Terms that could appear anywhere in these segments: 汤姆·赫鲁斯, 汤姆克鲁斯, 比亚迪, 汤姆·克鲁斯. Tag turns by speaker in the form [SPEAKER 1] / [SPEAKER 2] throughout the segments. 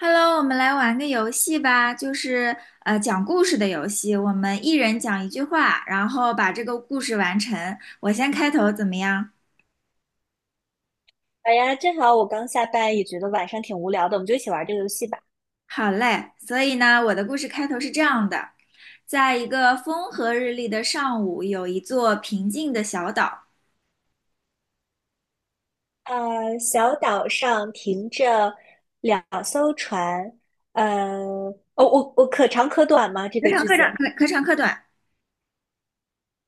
[SPEAKER 1] Hello，我们来玩个游戏吧，就是讲故事的游戏。我们一人讲一句话，然后把这个故事完成。我先开头怎么样？
[SPEAKER 2] 好呀，正好我刚下班，也觉得晚上挺无聊的，我们就一起玩这个游戏吧。
[SPEAKER 1] 好嘞。所以呢，我的故事开头是这样的：在一个风和日丽的上午，有一座平静的小岛。
[SPEAKER 2] 小岛上停着两艘船，呃，哦，我我可长可短吗？这
[SPEAKER 1] 可
[SPEAKER 2] 个
[SPEAKER 1] 长
[SPEAKER 2] 句
[SPEAKER 1] 可短，
[SPEAKER 2] 子。
[SPEAKER 1] 可长可短。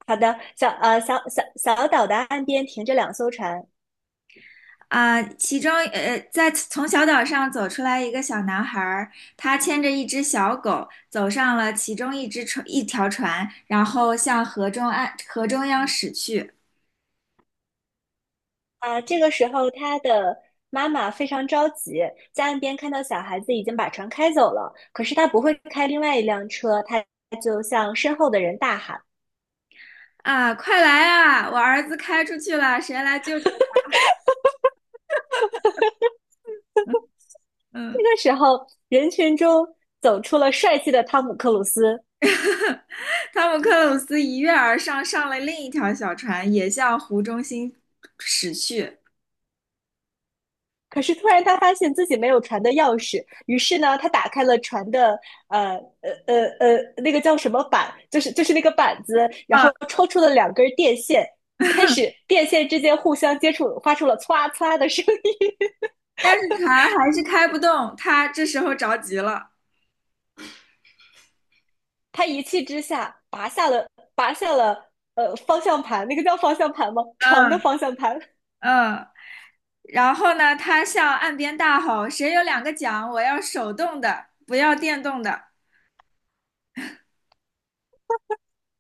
[SPEAKER 2] 好的，小岛的岸边停着两艘船。
[SPEAKER 1] 啊，其中从小岛上走出来一个小男孩儿，他牵着一只小狗，走上了其中一只船，一条船，然后向河中岸河中央驶去。
[SPEAKER 2] 啊，这个时候他的妈妈非常着急，在岸边看到小孩子已经把船开走了，可是他不会开另外一辆车，他就向身后的人大喊。
[SPEAKER 1] 啊，快来啊！我儿子开出去了，谁来救救？
[SPEAKER 2] 这
[SPEAKER 1] 嗯，
[SPEAKER 2] 个时候，人群中走出了帅气的汤姆·克鲁斯。
[SPEAKER 1] 汤姆克鲁斯一跃而上，上了另一条小船，也向湖中心驶去。
[SPEAKER 2] 可是突然，他发现自己没有船的钥匙，于是呢，他打开了船的呃那个叫什么板，就是那个板子，然
[SPEAKER 1] 啊，
[SPEAKER 2] 后抽出了两根电线，开 始电线之间互相接触，发出了歘歘的声音。
[SPEAKER 1] 但是船还是开不动，他这时候着急了。
[SPEAKER 2] 他一气之下拔下了方向盘，那个叫方向盘吗？床的
[SPEAKER 1] 嗯
[SPEAKER 2] 方向盘，
[SPEAKER 1] 嗯。然后呢，他向岸边大吼：“谁有2个桨？我要手动的，不要电动的。”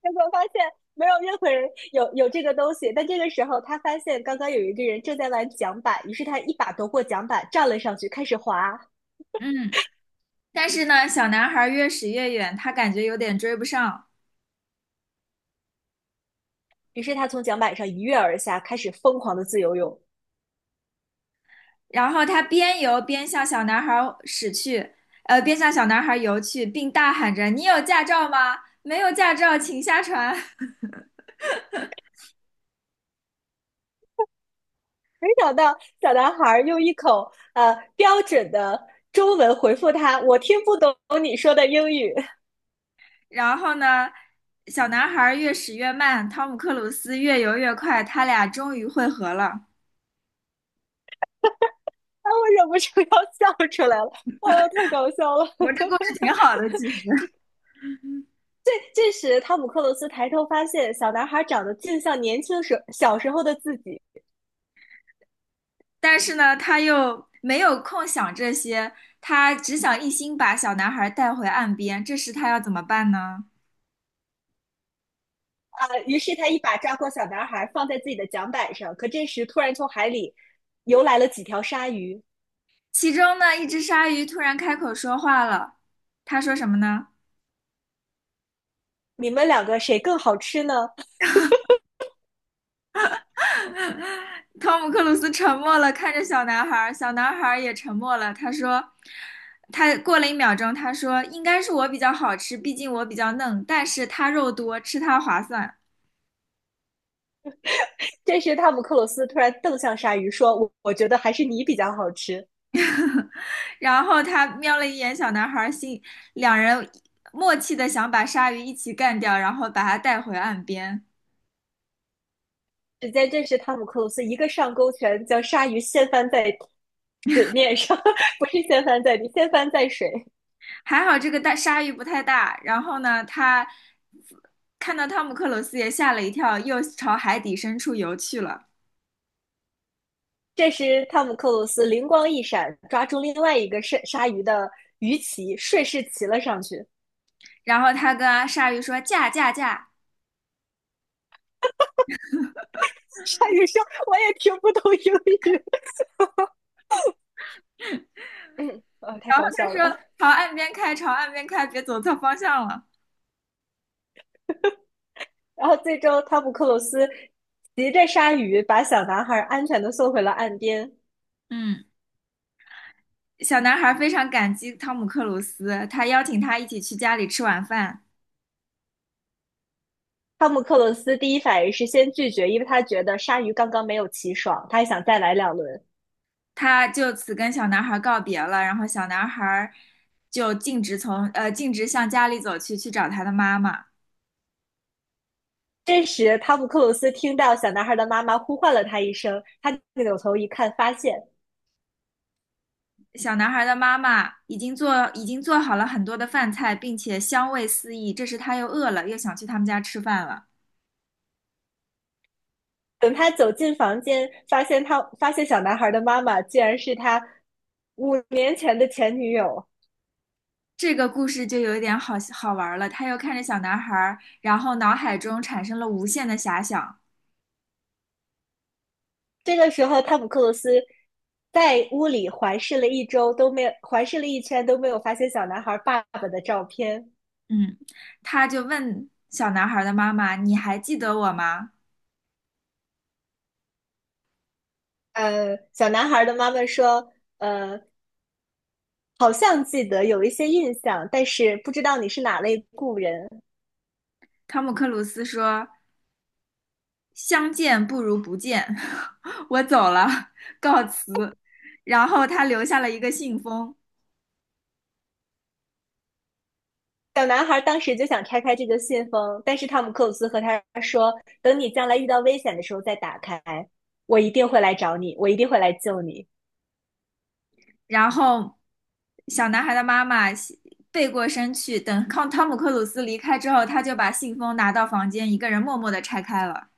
[SPEAKER 2] 结果发现没有任何人有这个东西。但这个时候，他发现刚刚有一个人正在玩桨板，于是他一把夺过桨板，站了上去，开始滑。
[SPEAKER 1] 嗯，但是呢，小男孩越驶越远，他感觉有点追不上。
[SPEAKER 2] 于是他从桨板上一跃而下，开始疯狂的自由泳。
[SPEAKER 1] 然后他边游边向小男孩驶去，边向小男孩游去，并大喊着：“你有驾照吗？没有驾照，请下船。
[SPEAKER 2] 没想到小男孩用一口标准的中文回复他：“我听不懂你说的英语。”
[SPEAKER 1] 然后呢，小男孩越驶越慢，汤姆克鲁斯越游越快，他俩终于会合了。
[SPEAKER 2] 啊，我忍不住要笑出来了。哦，太搞笑了！
[SPEAKER 1] 我们这故事 挺好的，其实。
[SPEAKER 2] 这时，汤姆·克鲁斯抬头发现，小男孩长得竟像年轻时小时候的自己。
[SPEAKER 1] 但是呢，他又没有空想这些，他只想一心把小男孩带回岸边。这时他要怎么办呢？
[SPEAKER 2] 啊，于是他一把抓过小男孩，放在自己的桨板上。可这时，突然从海里游来了几条鲨鱼。
[SPEAKER 1] 其中呢，一只鲨鱼突然开口说话了，他说什么呢？
[SPEAKER 2] 你们两个谁更好吃呢？
[SPEAKER 1] 汤姆克鲁斯沉默了，看着小男孩，小男孩也沉默了。他过了1秒钟，他说应该是我比较好吃，毕竟我比较嫩，但是他肉多，吃它划算。
[SPEAKER 2] 这时，汤姆克鲁斯突然瞪向鲨鱼，说：“我觉得还是你比较好吃。”
[SPEAKER 1] 然后他瞄了一眼小男孩，两人默契的想把鲨鱼一起干掉，然后把他带回岸边。
[SPEAKER 2] 只见这时，汤姆克鲁斯一个上勾拳，将鲨鱼掀翻在水面上，不是掀翻在地，掀翻在水。
[SPEAKER 1] 还好这个大鲨鱼不太大，然后呢，他看到汤姆克鲁斯也吓了一跳，又朝海底深处游去了。
[SPEAKER 2] 这时，汤姆克鲁斯灵光一闪，抓住另外一个鲨鱼的鱼鳍，顺势骑了上去。
[SPEAKER 1] 然后他跟鲨鱼说：“驾驾驾！”
[SPEAKER 2] 鲨鱼说：“我也听不懂英语。”嗯，啊，太
[SPEAKER 1] 然后
[SPEAKER 2] 搞
[SPEAKER 1] 他
[SPEAKER 2] 笑了。
[SPEAKER 1] 说：“朝岸边开，朝岸边开，别走错方向了。”
[SPEAKER 2] 然后最终，汤姆克鲁斯骑着鲨鱼把小男孩安全的送回了岸边。
[SPEAKER 1] 嗯，小男孩非常感激汤姆克鲁斯，他邀请他一起去家里吃晚饭。
[SPEAKER 2] 汤姆克鲁斯第一反应是先拒绝，因为他觉得鲨鱼刚刚没有骑爽，他还想再来两轮。
[SPEAKER 1] 他就此跟小男孩告别了，然后小男孩就径直向家里走去，去找他的妈妈。
[SPEAKER 2] 这时，汤姆克鲁斯听到小男孩的妈妈呼唤了他一声，他扭头一看，
[SPEAKER 1] 小男孩的妈妈已经做好了很多的饭菜，并且香味四溢。这时他又饿了，又想去他们家吃饭了。
[SPEAKER 2] 等他走进房间，发现小男孩的妈妈竟然是他5年前的前女友。
[SPEAKER 1] 这个故事就有一点好好玩了。他又看着小男孩，然后脑海中产生了无限的遐想。
[SPEAKER 2] 这个时候，汤姆·克鲁斯在屋里环视了一周，都没有环视了一圈，都没有发现小男孩爸爸的照片。
[SPEAKER 1] 嗯，他就问小男孩的妈妈：“你还记得我吗？”
[SPEAKER 2] 小男孩的妈妈说：“呃，好像记得有一些印象，但是不知道你是哪类故人。”
[SPEAKER 1] 汤姆克鲁斯说：“相见不如不见，我走了，告辞。”然后他留下了一个信封，
[SPEAKER 2] 小男孩当时就想拆开这个信封，但是汤姆·克鲁斯和他说：“等你将来遇到危险的时候再打开，我一定会来找你，我一定会来救你。”
[SPEAKER 1] 然后小男孩的妈妈背过身去，等汤姆克鲁斯离开之后，他就把信封拿到房间，一个人默默地拆开了。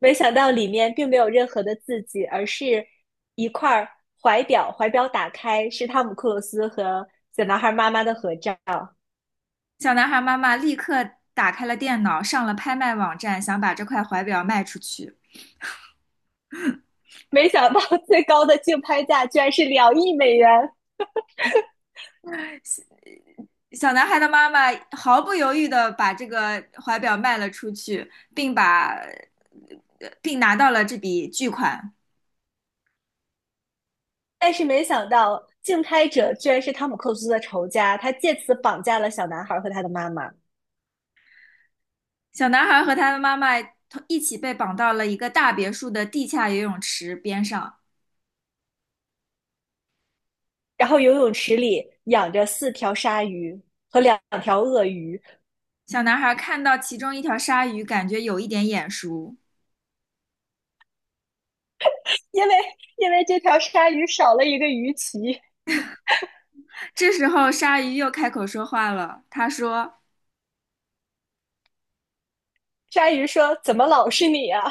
[SPEAKER 2] 没想到里面并没有任何的字迹，而是一块儿怀表，怀表打开是汤姆·克鲁斯和小男孩妈妈的合照。
[SPEAKER 1] 小男孩妈妈立刻打开了电脑，上了拍卖网站，想把这块怀表卖出去。
[SPEAKER 2] 没想到 最高的竞拍价居然是2亿美元，
[SPEAKER 1] 小男孩的妈妈毫不犹豫地把这个怀表卖了出去，并拿到了这笔巨款。
[SPEAKER 2] 但是没想到竞拍者居然是汤姆·克鲁斯的仇家，他借此绑架了小男孩和他的妈妈。
[SPEAKER 1] 小男孩和他的妈妈一起被绑到了一个大别墅的地下游泳池边上。
[SPEAKER 2] 然后游泳池里养着四条鲨鱼和两条鳄鱼，
[SPEAKER 1] 小男孩看到其中一条鲨鱼，感觉有一点眼熟。
[SPEAKER 2] 因为因为这条鲨鱼少了一个鱼鳍，
[SPEAKER 1] 这时候，鲨鱼又开口说话了。他说：
[SPEAKER 2] 鲨鱼说：“怎么老是你啊？”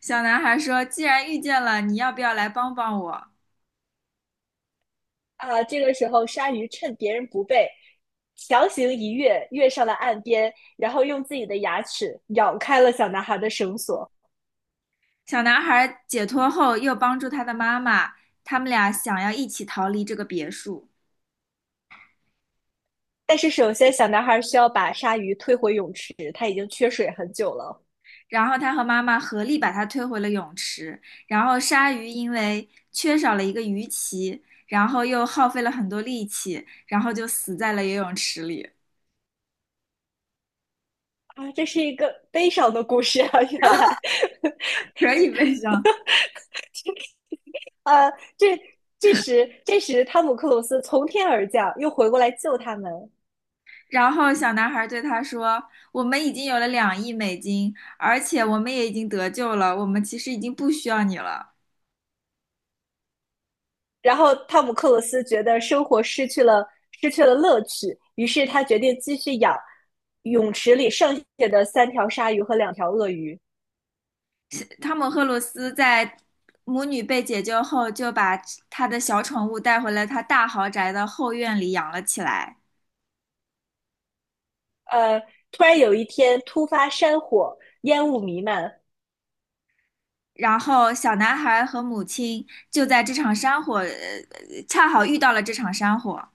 [SPEAKER 1] “小男孩说，既然遇见了，你要不要来帮帮我？”
[SPEAKER 2] 啊，这个时候鲨鱼趁别人不备，强行一跃，跃上了岸边，然后用自己的牙齿咬开了小男孩的绳索。
[SPEAKER 1] 小男孩解脱后，又帮助他的妈妈，他们俩想要一起逃离这个别墅。
[SPEAKER 2] 但是首先，小男孩需要把鲨鱼推回泳池，他已经缺水很久了。
[SPEAKER 1] 然后他和妈妈合力把他推回了泳池。然后鲨鱼因为缺少了一个鱼鳍，然后又耗费了很多力气，然后就死在了游泳池里，
[SPEAKER 2] 啊，这是一个悲伤的故事啊！原来，
[SPEAKER 1] 可以悲伤。
[SPEAKER 2] 啊，这这时，汤姆克鲁斯从天而降，又回过来救他们。
[SPEAKER 1] 然后小男孩对他说：“我们已经有了2亿美金，而且我们也已经得救了，我们其实已经不需要你了。”
[SPEAKER 2] 然后汤姆克鲁斯觉得生活失去了乐趣，于是他决定继续养泳池里剩下的三条鲨鱼和两条鳄鱼。
[SPEAKER 1] 汤姆·赫鲁斯在母女被解救后，就把他的小宠物带回了他大豪宅的后院里养了起来。
[SPEAKER 2] 呃，突然有一天突发山火，烟雾弥漫。
[SPEAKER 1] 然后小男孩和母亲就在这场山火，呃，恰好遇到了这场山火，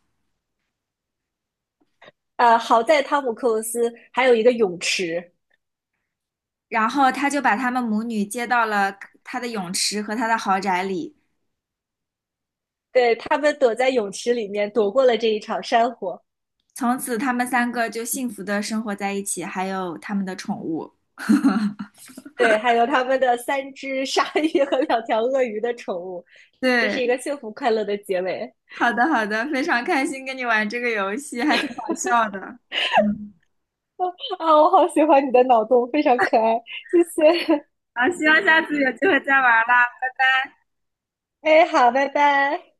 [SPEAKER 2] 好在汤姆克鲁斯还有一个泳池，
[SPEAKER 1] 然后他就把他们母女接到了他的泳池和他的豪宅里，
[SPEAKER 2] 对他们躲在泳池里面躲过了这一场山火。
[SPEAKER 1] 从此他们三个就幸福的生活在一起，还有他们的宠物。
[SPEAKER 2] 对，还有他们的三只鲨鱼和两条鳄鱼的宠物，这是
[SPEAKER 1] 对，
[SPEAKER 2] 一个幸福快乐的结尾
[SPEAKER 1] 好的好的，非常开心跟你玩这个游戏，还挺好笑的。嗯，
[SPEAKER 2] 啊！我好喜欢你的脑洞，非常可爱，谢谢。
[SPEAKER 1] 好，希望下次有机会再玩啦。
[SPEAKER 2] 哎，好，拜拜。